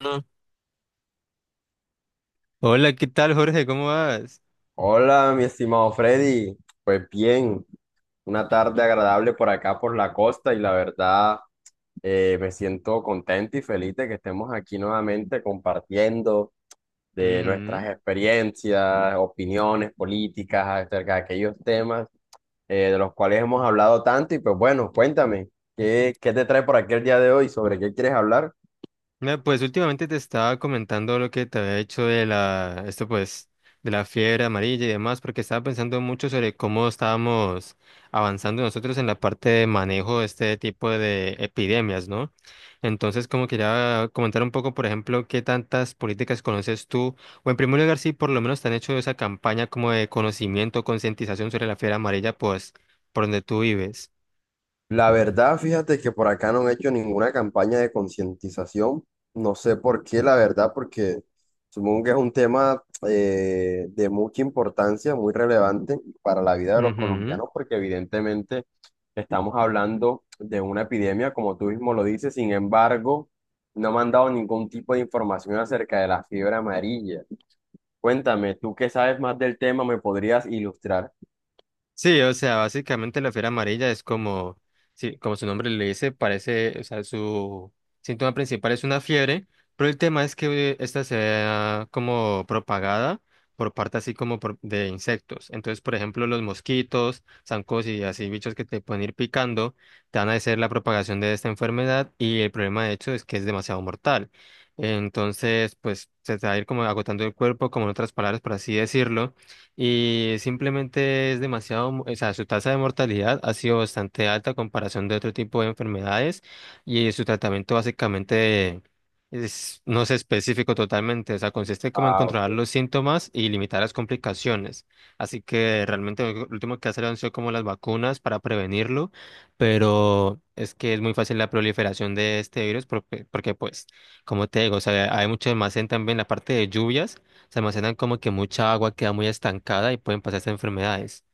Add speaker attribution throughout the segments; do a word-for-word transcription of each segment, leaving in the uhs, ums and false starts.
Speaker 1: Ah, hola, ¿qué tal, Jorge? ¿Cómo vas?
Speaker 2: Hola, mi estimado Freddy. Pues bien, una tarde agradable por acá, por la costa, y la verdad eh, me siento contento y feliz de que estemos aquí nuevamente compartiendo de
Speaker 1: Ujú.
Speaker 2: nuestras experiencias, opiniones políticas acerca de aquellos temas eh, de los cuales hemos hablado tanto. Y pues bueno, cuéntame, ¿qué, ¿qué te trae por aquí el día de hoy? ¿Sobre qué quieres hablar?
Speaker 1: Mira, pues últimamente te estaba comentando lo que te había hecho de la, esto pues, de la fiebre amarilla y demás, porque estaba pensando mucho sobre cómo estábamos avanzando nosotros en la parte de manejo de este tipo de epidemias, ¿no? Entonces, como quería comentar un poco, por ejemplo, qué tantas políticas conoces tú, o en primer lugar, si por lo menos te han hecho esa campaña como de conocimiento, concientización sobre la fiebre amarilla, pues, por donde tú vives.
Speaker 2: La verdad, fíjate que por acá no han hecho ninguna campaña de concientización. No sé por qué, la verdad, porque supongo que es un tema eh, de mucha importancia, muy relevante para la vida de los
Speaker 1: Ujú.
Speaker 2: colombianos, porque evidentemente estamos hablando de una epidemia, como tú mismo lo dices. Sin embargo, no me han dado ningún tipo de información acerca de la fiebre amarilla. Cuéntame, tú que sabes más del tema, ¿me podrías ilustrar?
Speaker 1: Sí, o sea, básicamente la fiebre amarilla es como, sí, como su nombre le dice, parece, o sea, su síntoma principal es una fiebre, pero el tema es que esta sea como propagada por parte así como por- de insectos. Entonces, por ejemplo, los mosquitos, zancos y así bichos que te pueden ir picando, te van a hacer la propagación de esta enfermedad y el problema de hecho es que es demasiado mortal. Entonces, pues se te va a ir como agotando el cuerpo, como en otras palabras, por así decirlo, y simplemente es demasiado, mo- o sea, su tasa de mortalidad ha sido bastante alta a comparación de otro tipo de enfermedades y su tratamiento básicamente es, no es específico totalmente, o sea, consiste como en
Speaker 2: Ah.
Speaker 1: controlar los síntomas y limitar las complicaciones. Así que realmente lo último que ha salido han sido como las vacunas para prevenirlo, pero es que es muy fácil la proliferación de este virus porque, porque pues, como te digo, o sea, hay mucho almacén también en la parte de lluvias. Se almacenan como que mucha agua queda muy estancada y pueden pasar pasarse enfermedades.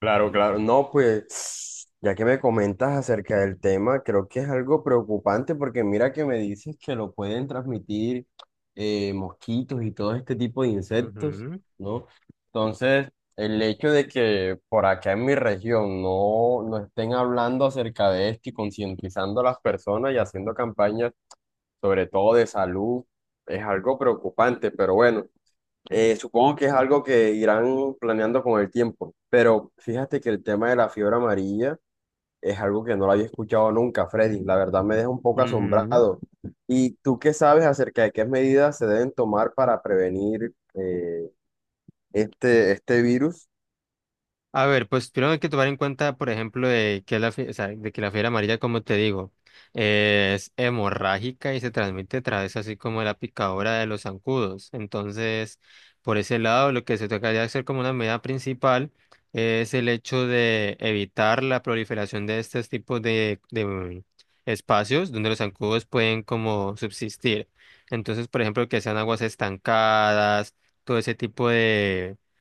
Speaker 2: Claro, claro. No, pues ya que me comentas acerca del tema, creo que es algo preocupante porque mira que me dices que lo pueden transmitir eh, mosquitos y todo este tipo de insectos,
Speaker 1: Ujú,
Speaker 2: ¿no? Entonces, el hecho de que por acá en mi región no, no estén hablando acerca de esto y concientizando a las personas y haciendo campañas, sobre todo de salud, es algo preocupante, pero bueno. Eh, supongo que es algo que irán planeando con el tiempo, pero fíjate que el tema de la fiebre amarilla es algo que no lo había escuchado nunca, Freddy. La verdad me deja un poco
Speaker 1: ujú.
Speaker 2: asombrado. ¿Y tú qué sabes acerca de qué medidas se deben tomar para prevenir eh, este, este virus?
Speaker 1: A ver, pues primero hay que tomar en cuenta, por ejemplo, de que la, fie- o sea, de que la fiebre amarilla, como te digo, eh, es hemorrágica y se transmite a través así como de la picadura de los zancudos. Entonces, por ese lado, lo que se tocaría hacer como una medida principal es el hecho de evitar la proliferación de estos tipos de, de, mm, espacios donde los zancudos pueden como subsistir. Entonces, por ejemplo, que sean aguas estancadas, todo ese tipo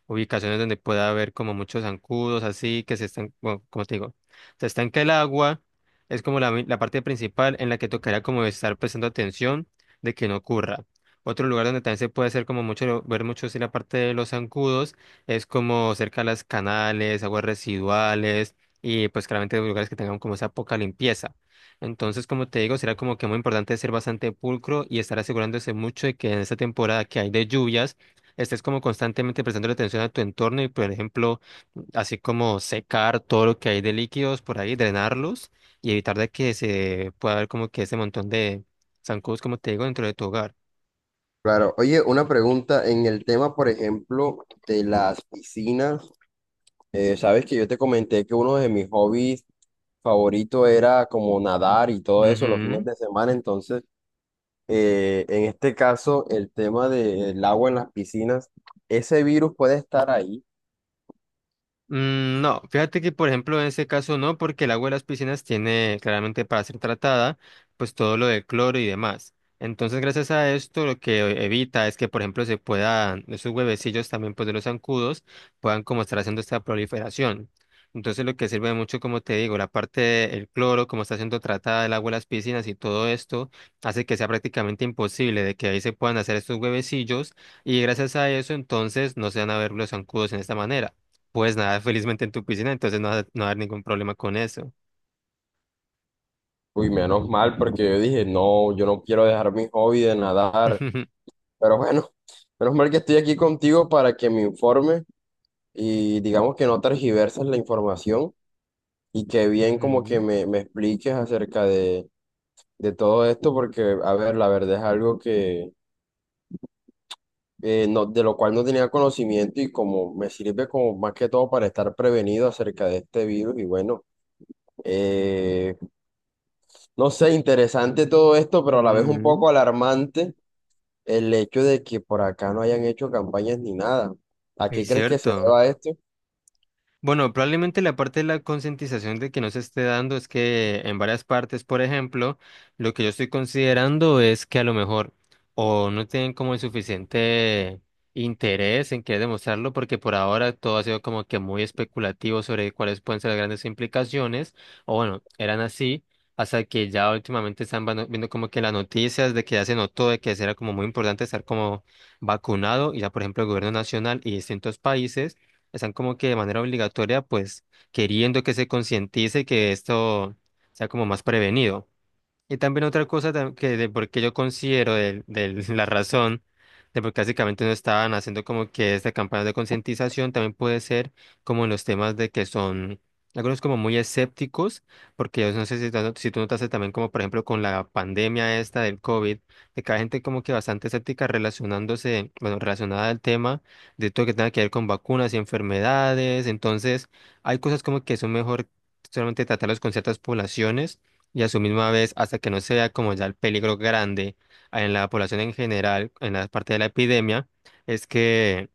Speaker 1: ubicaciones donde pueda haber como muchos zancudos así que se están, bueno, como te digo, se estanca el agua, es como la, mi- la parte principal en la que tocará como estar prestando atención de que no ocurra. Otro lugar donde también se puede hacer como mucho, ver mucho si la parte de los zancudos es como cerca de las canales, aguas residuales, y pues claramente lugares que tengan como esa poca limpieza. Entonces, como te digo, será como que muy importante ser bastante pulcro y estar asegurándose mucho de que en esta temporada que hay de lluvias, estés como constantemente prestándole atención a tu entorno y, por ejemplo, así como secar todo lo que hay de líquidos por ahí, drenarlos y evitar de que se pueda ver como que ese montón de zancudos, como te digo, dentro de tu hogar.
Speaker 2: Claro, oye, una pregunta en el tema, por ejemplo, de las piscinas. Eh, sabes que yo te comenté que uno de mis hobbies favoritos era como nadar y todo eso los fines
Speaker 1: Ujú.
Speaker 2: de semana, entonces eh, en este caso, el tema del agua en las piscinas, ese virus puede estar ahí.
Speaker 1: Mm, No, fíjate que por ejemplo en ese caso no, porque el agua de las piscinas tiene claramente para ser tratada, pues todo lo de cloro y demás. Entonces, gracias a esto, lo que evita es que, por ejemplo, se puedan, esos huevecillos también, pues de los zancudos, puedan como estar haciendo esta proliferación. Entonces, lo que sirve mucho, como te digo, la parte del cloro, como está siendo tratada el agua de las piscinas y todo esto, hace que sea prácticamente imposible de que ahí se puedan hacer estos huevecillos y gracias a eso, entonces, no se van a ver los zancudos en esta manera. Pues nada, felizmente en tu piscina, entonces no va a no va a haber ningún problema con eso.
Speaker 2: Uy, menos mal, porque yo dije, no, yo no quiero dejar mi hobby de nadar. Pero bueno, menos mal que estoy aquí contigo para que me informe y digamos que no tergiverses la información y que bien como que
Speaker 1: Ujú,
Speaker 2: me, me expliques acerca de, de todo esto, porque, a ver, la verdad es algo que eh, no, de lo cual no tenía conocimiento y como me sirve como más que todo para estar prevenido acerca de este virus y bueno. Eh, no sé, interesante todo esto, pero a la vez un
Speaker 1: ujú.
Speaker 2: poco alarmante el hecho de que por acá no hayan hecho campañas ni nada. ¿A qué
Speaker 1: Es
Speaker 2: crees que se
Speaker 1: cierto.
Speaker 2: deba esto?
Speaker 1: Bueno, probablemente la parte de la concientización de que no se esté dando es que en varias partes, por ejemplo, lo que yo estoy considerando es que a lo mejor o no tienen como el suficiente interés en querer demostrarlo, porque por ahora todo ha sido como que muy especulativo sobre cuáles pueden ser las grandes implicaciones, o bueno, eran así, hasta que ya últimamente están vano- viendo como que las noticias de que ya se notó de que sí era como muy importante estar como vacunado, y ya por ejemplo el gobierno nacional y distintos países están como que de manera obligatoria, pues queriendo que se concientice que esto sea como más prevenido. Y también otra cosa tam- que de por qué yo considero de, la razón de por qué básicamente no estaban haciendo como que esta campaña de concientización también puede ser como en los temas de que son algunos como muy escépticos, porque yo no sé si, tú- si tú notaste también como por ejemplo con la pandemia esta del COVID, de que hay gente como que bastante escéptica relacionándose, bueno, relacionada al tema de todo lo que tenga que ver con vacunas y enfermedades, entonces hay cosas como que son mejor solamente tratarlos con ciertas poblaciones y a su misma vez hasta que no sea como ya el peligro grande en la población en general, en la parte de la epidemia, es que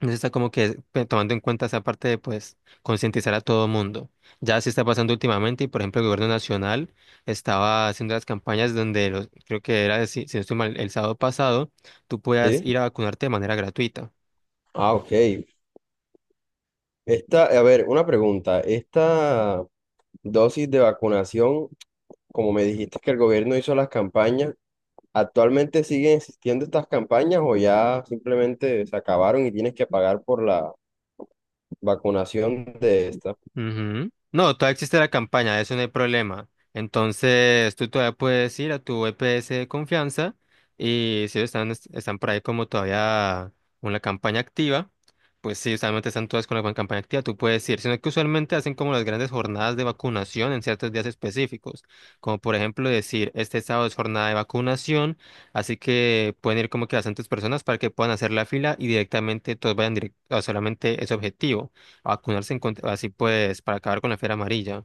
Speaker 1: no se está como que pe- tomando en cuenta esa parte de pues concientizar a todo mundo. Ya se está pasando últimamente y por ejemplo el gobierno nacional estaba haciendo las campañas donde los- creo que era, si, si no estoy mal, el sábado pasado, tú puedas
Speaker 2: Sí.
Speaker 1: ir a vacunarte de manera gratuita.
Speaker 2: Ah, ok. Esta, a ver, una pregunta. Esta dosis de vacunación, como me dijiste que el gobierno hizo las campañas, ¿actualmente siguen existiendo estas campañas o ya simplemente se acabaron y tienes que pagar por la vacunación de esta?
Speaker 1: Ujú. No, todavía existe la campaña, eso no hay problema. Entonces, tú todavía puedes ir a tu E P S de confianza y si están, est- están por ahí como todavía con la campaña activa, pues sí, usualmente están todas con la con campaña activa, tú puedes ir, sino que usualmente hacen como las grandes jornadas de vacunación en ciertos días específicos, como por ejemplo decir, este sábado es jornada de vacunación, así que pueden ir como que bastantes personas para que puedan hacer la fila y directamente todos vayan directo a solamente ese objetivo a vacunarse en contra- así pues, para acabar con la fiebre amarilla.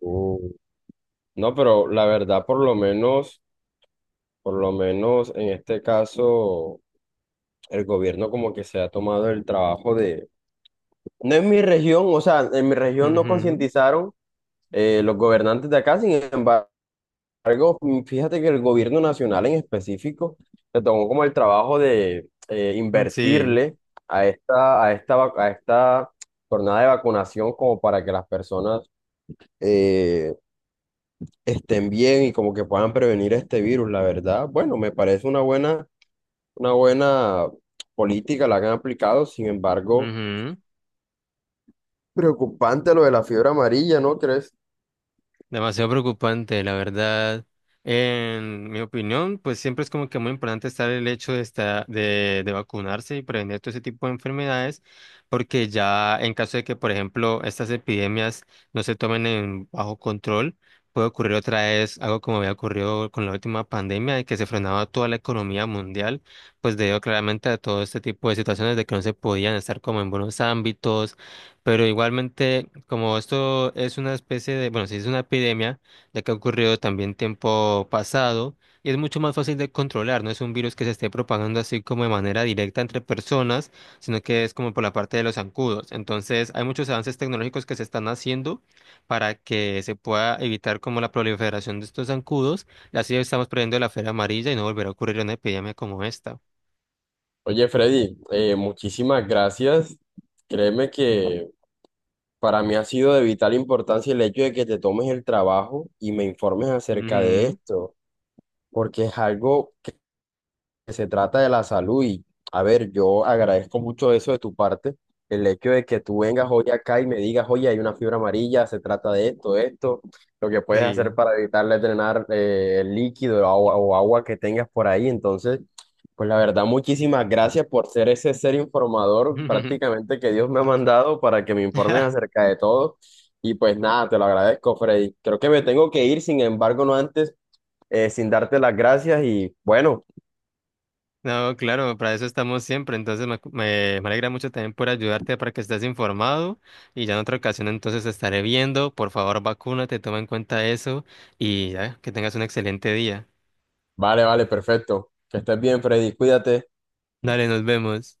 Speaker 2: Uh, No, pero la verdad, por lo menos. Por lo menos en este caso, el gobierno como que se ha tomado el trabajo de... No en mi región, o sea, en mi región no
Speaker 1: Ujú,
Speaker 2: concientizaron eh, los gobernantes de acá, sin embargo, mm, fíjate que el gobierno nacional en específico se tomó como el trabajo de eh,
Speaker 1: mm, Sí.
Speaker 2: invertirle a esta, a esta, vac- a esta jornada de vacunación como para que las personas eh, estén bien y como que puedan prevenir este virus, la verdad. Bueno, me parece una buena una buena política la que han aplicado, sin embargo,
Speaker 1: Ujú.
Speaker 2: preocupante lo de la fiebre amarilla, ¿no crees?
Speaker 1: Demasiado preocupante, la verdad. En mi opinión, pues siempre es como que muy importante estar el hecho de, esta- de, de vacunarse y prevenir todo ese tipo de enfermedades, porque ya en caso de que, por ejemplo, estas epidemias no se tomen en bajo control, puede ocurrir otra vez algo como había ocurrido con la última pandemia, de que se frenaba toda la economía mundial, pues debido claramente a todo este tipo de situaciones de que no se podían estar como en buenos ámbitos, pero igualmente, como esto es una especie de, bueno, si es una epidemia, ya que ha ocurrido también tiempo pasado, y es mucho más fácil de controlar, no es un virus que se esté propagando así como de manera directa entre personas, sino que es como por la parte de los zancudos. Entonces, hay muchos avances tecnológicos que se están haciendo para que se pueda evitar como la proliferación de estos zancudos, y así estamos previendo la fiebre amarilla y no volverá a ocurrir una epidemia como esta.
Speaker 2: Oye, Freddy, eh, muchísimas gracias. Créeme que para mí ha sido de vital importancia el hecho de que te tomes el trabajo y me informes acerca de
Speaker 1: Ujú,
Speaker 2: esto, porque es algo. Se trata de la salud y, a ver, yo agradezco mucho eso de tu parte, el hecho de que tú vengas hoy acá y me digas, oye, hay una fibra amarilla, se trata de esto, de esto, lo que puedes
Speaker 1: sí.
Speaker 2: hacer para evitarle drenar eh, el líquido o agua, o agua que tengas por ahí. Entonces, pues la verdad, muchísimas gracias por ser ese ser informador prácticamente que Dios me ha mandado para que me informes acerca de todo. Y pues nada, te lo agradezco, Freddy. Creo que me tengo que ir, sin embargo, no antes, eh, sin darte las gracias y bueno.
Speaker 1: No, claro, para eso estamos siempre. Entonces me, me, me alegra mucho también por ayudarte para que estés informado y ya en otra ocasión entonces te estaré viendo. Por favor, vacúnate, toma en cuenta eso y ya, que tengas un excelente día.
Speaker 2: Vale, vale, perfecto. Que estés bien, Freddy. Cuídate.
Speaker 1: Dale, nos vemos.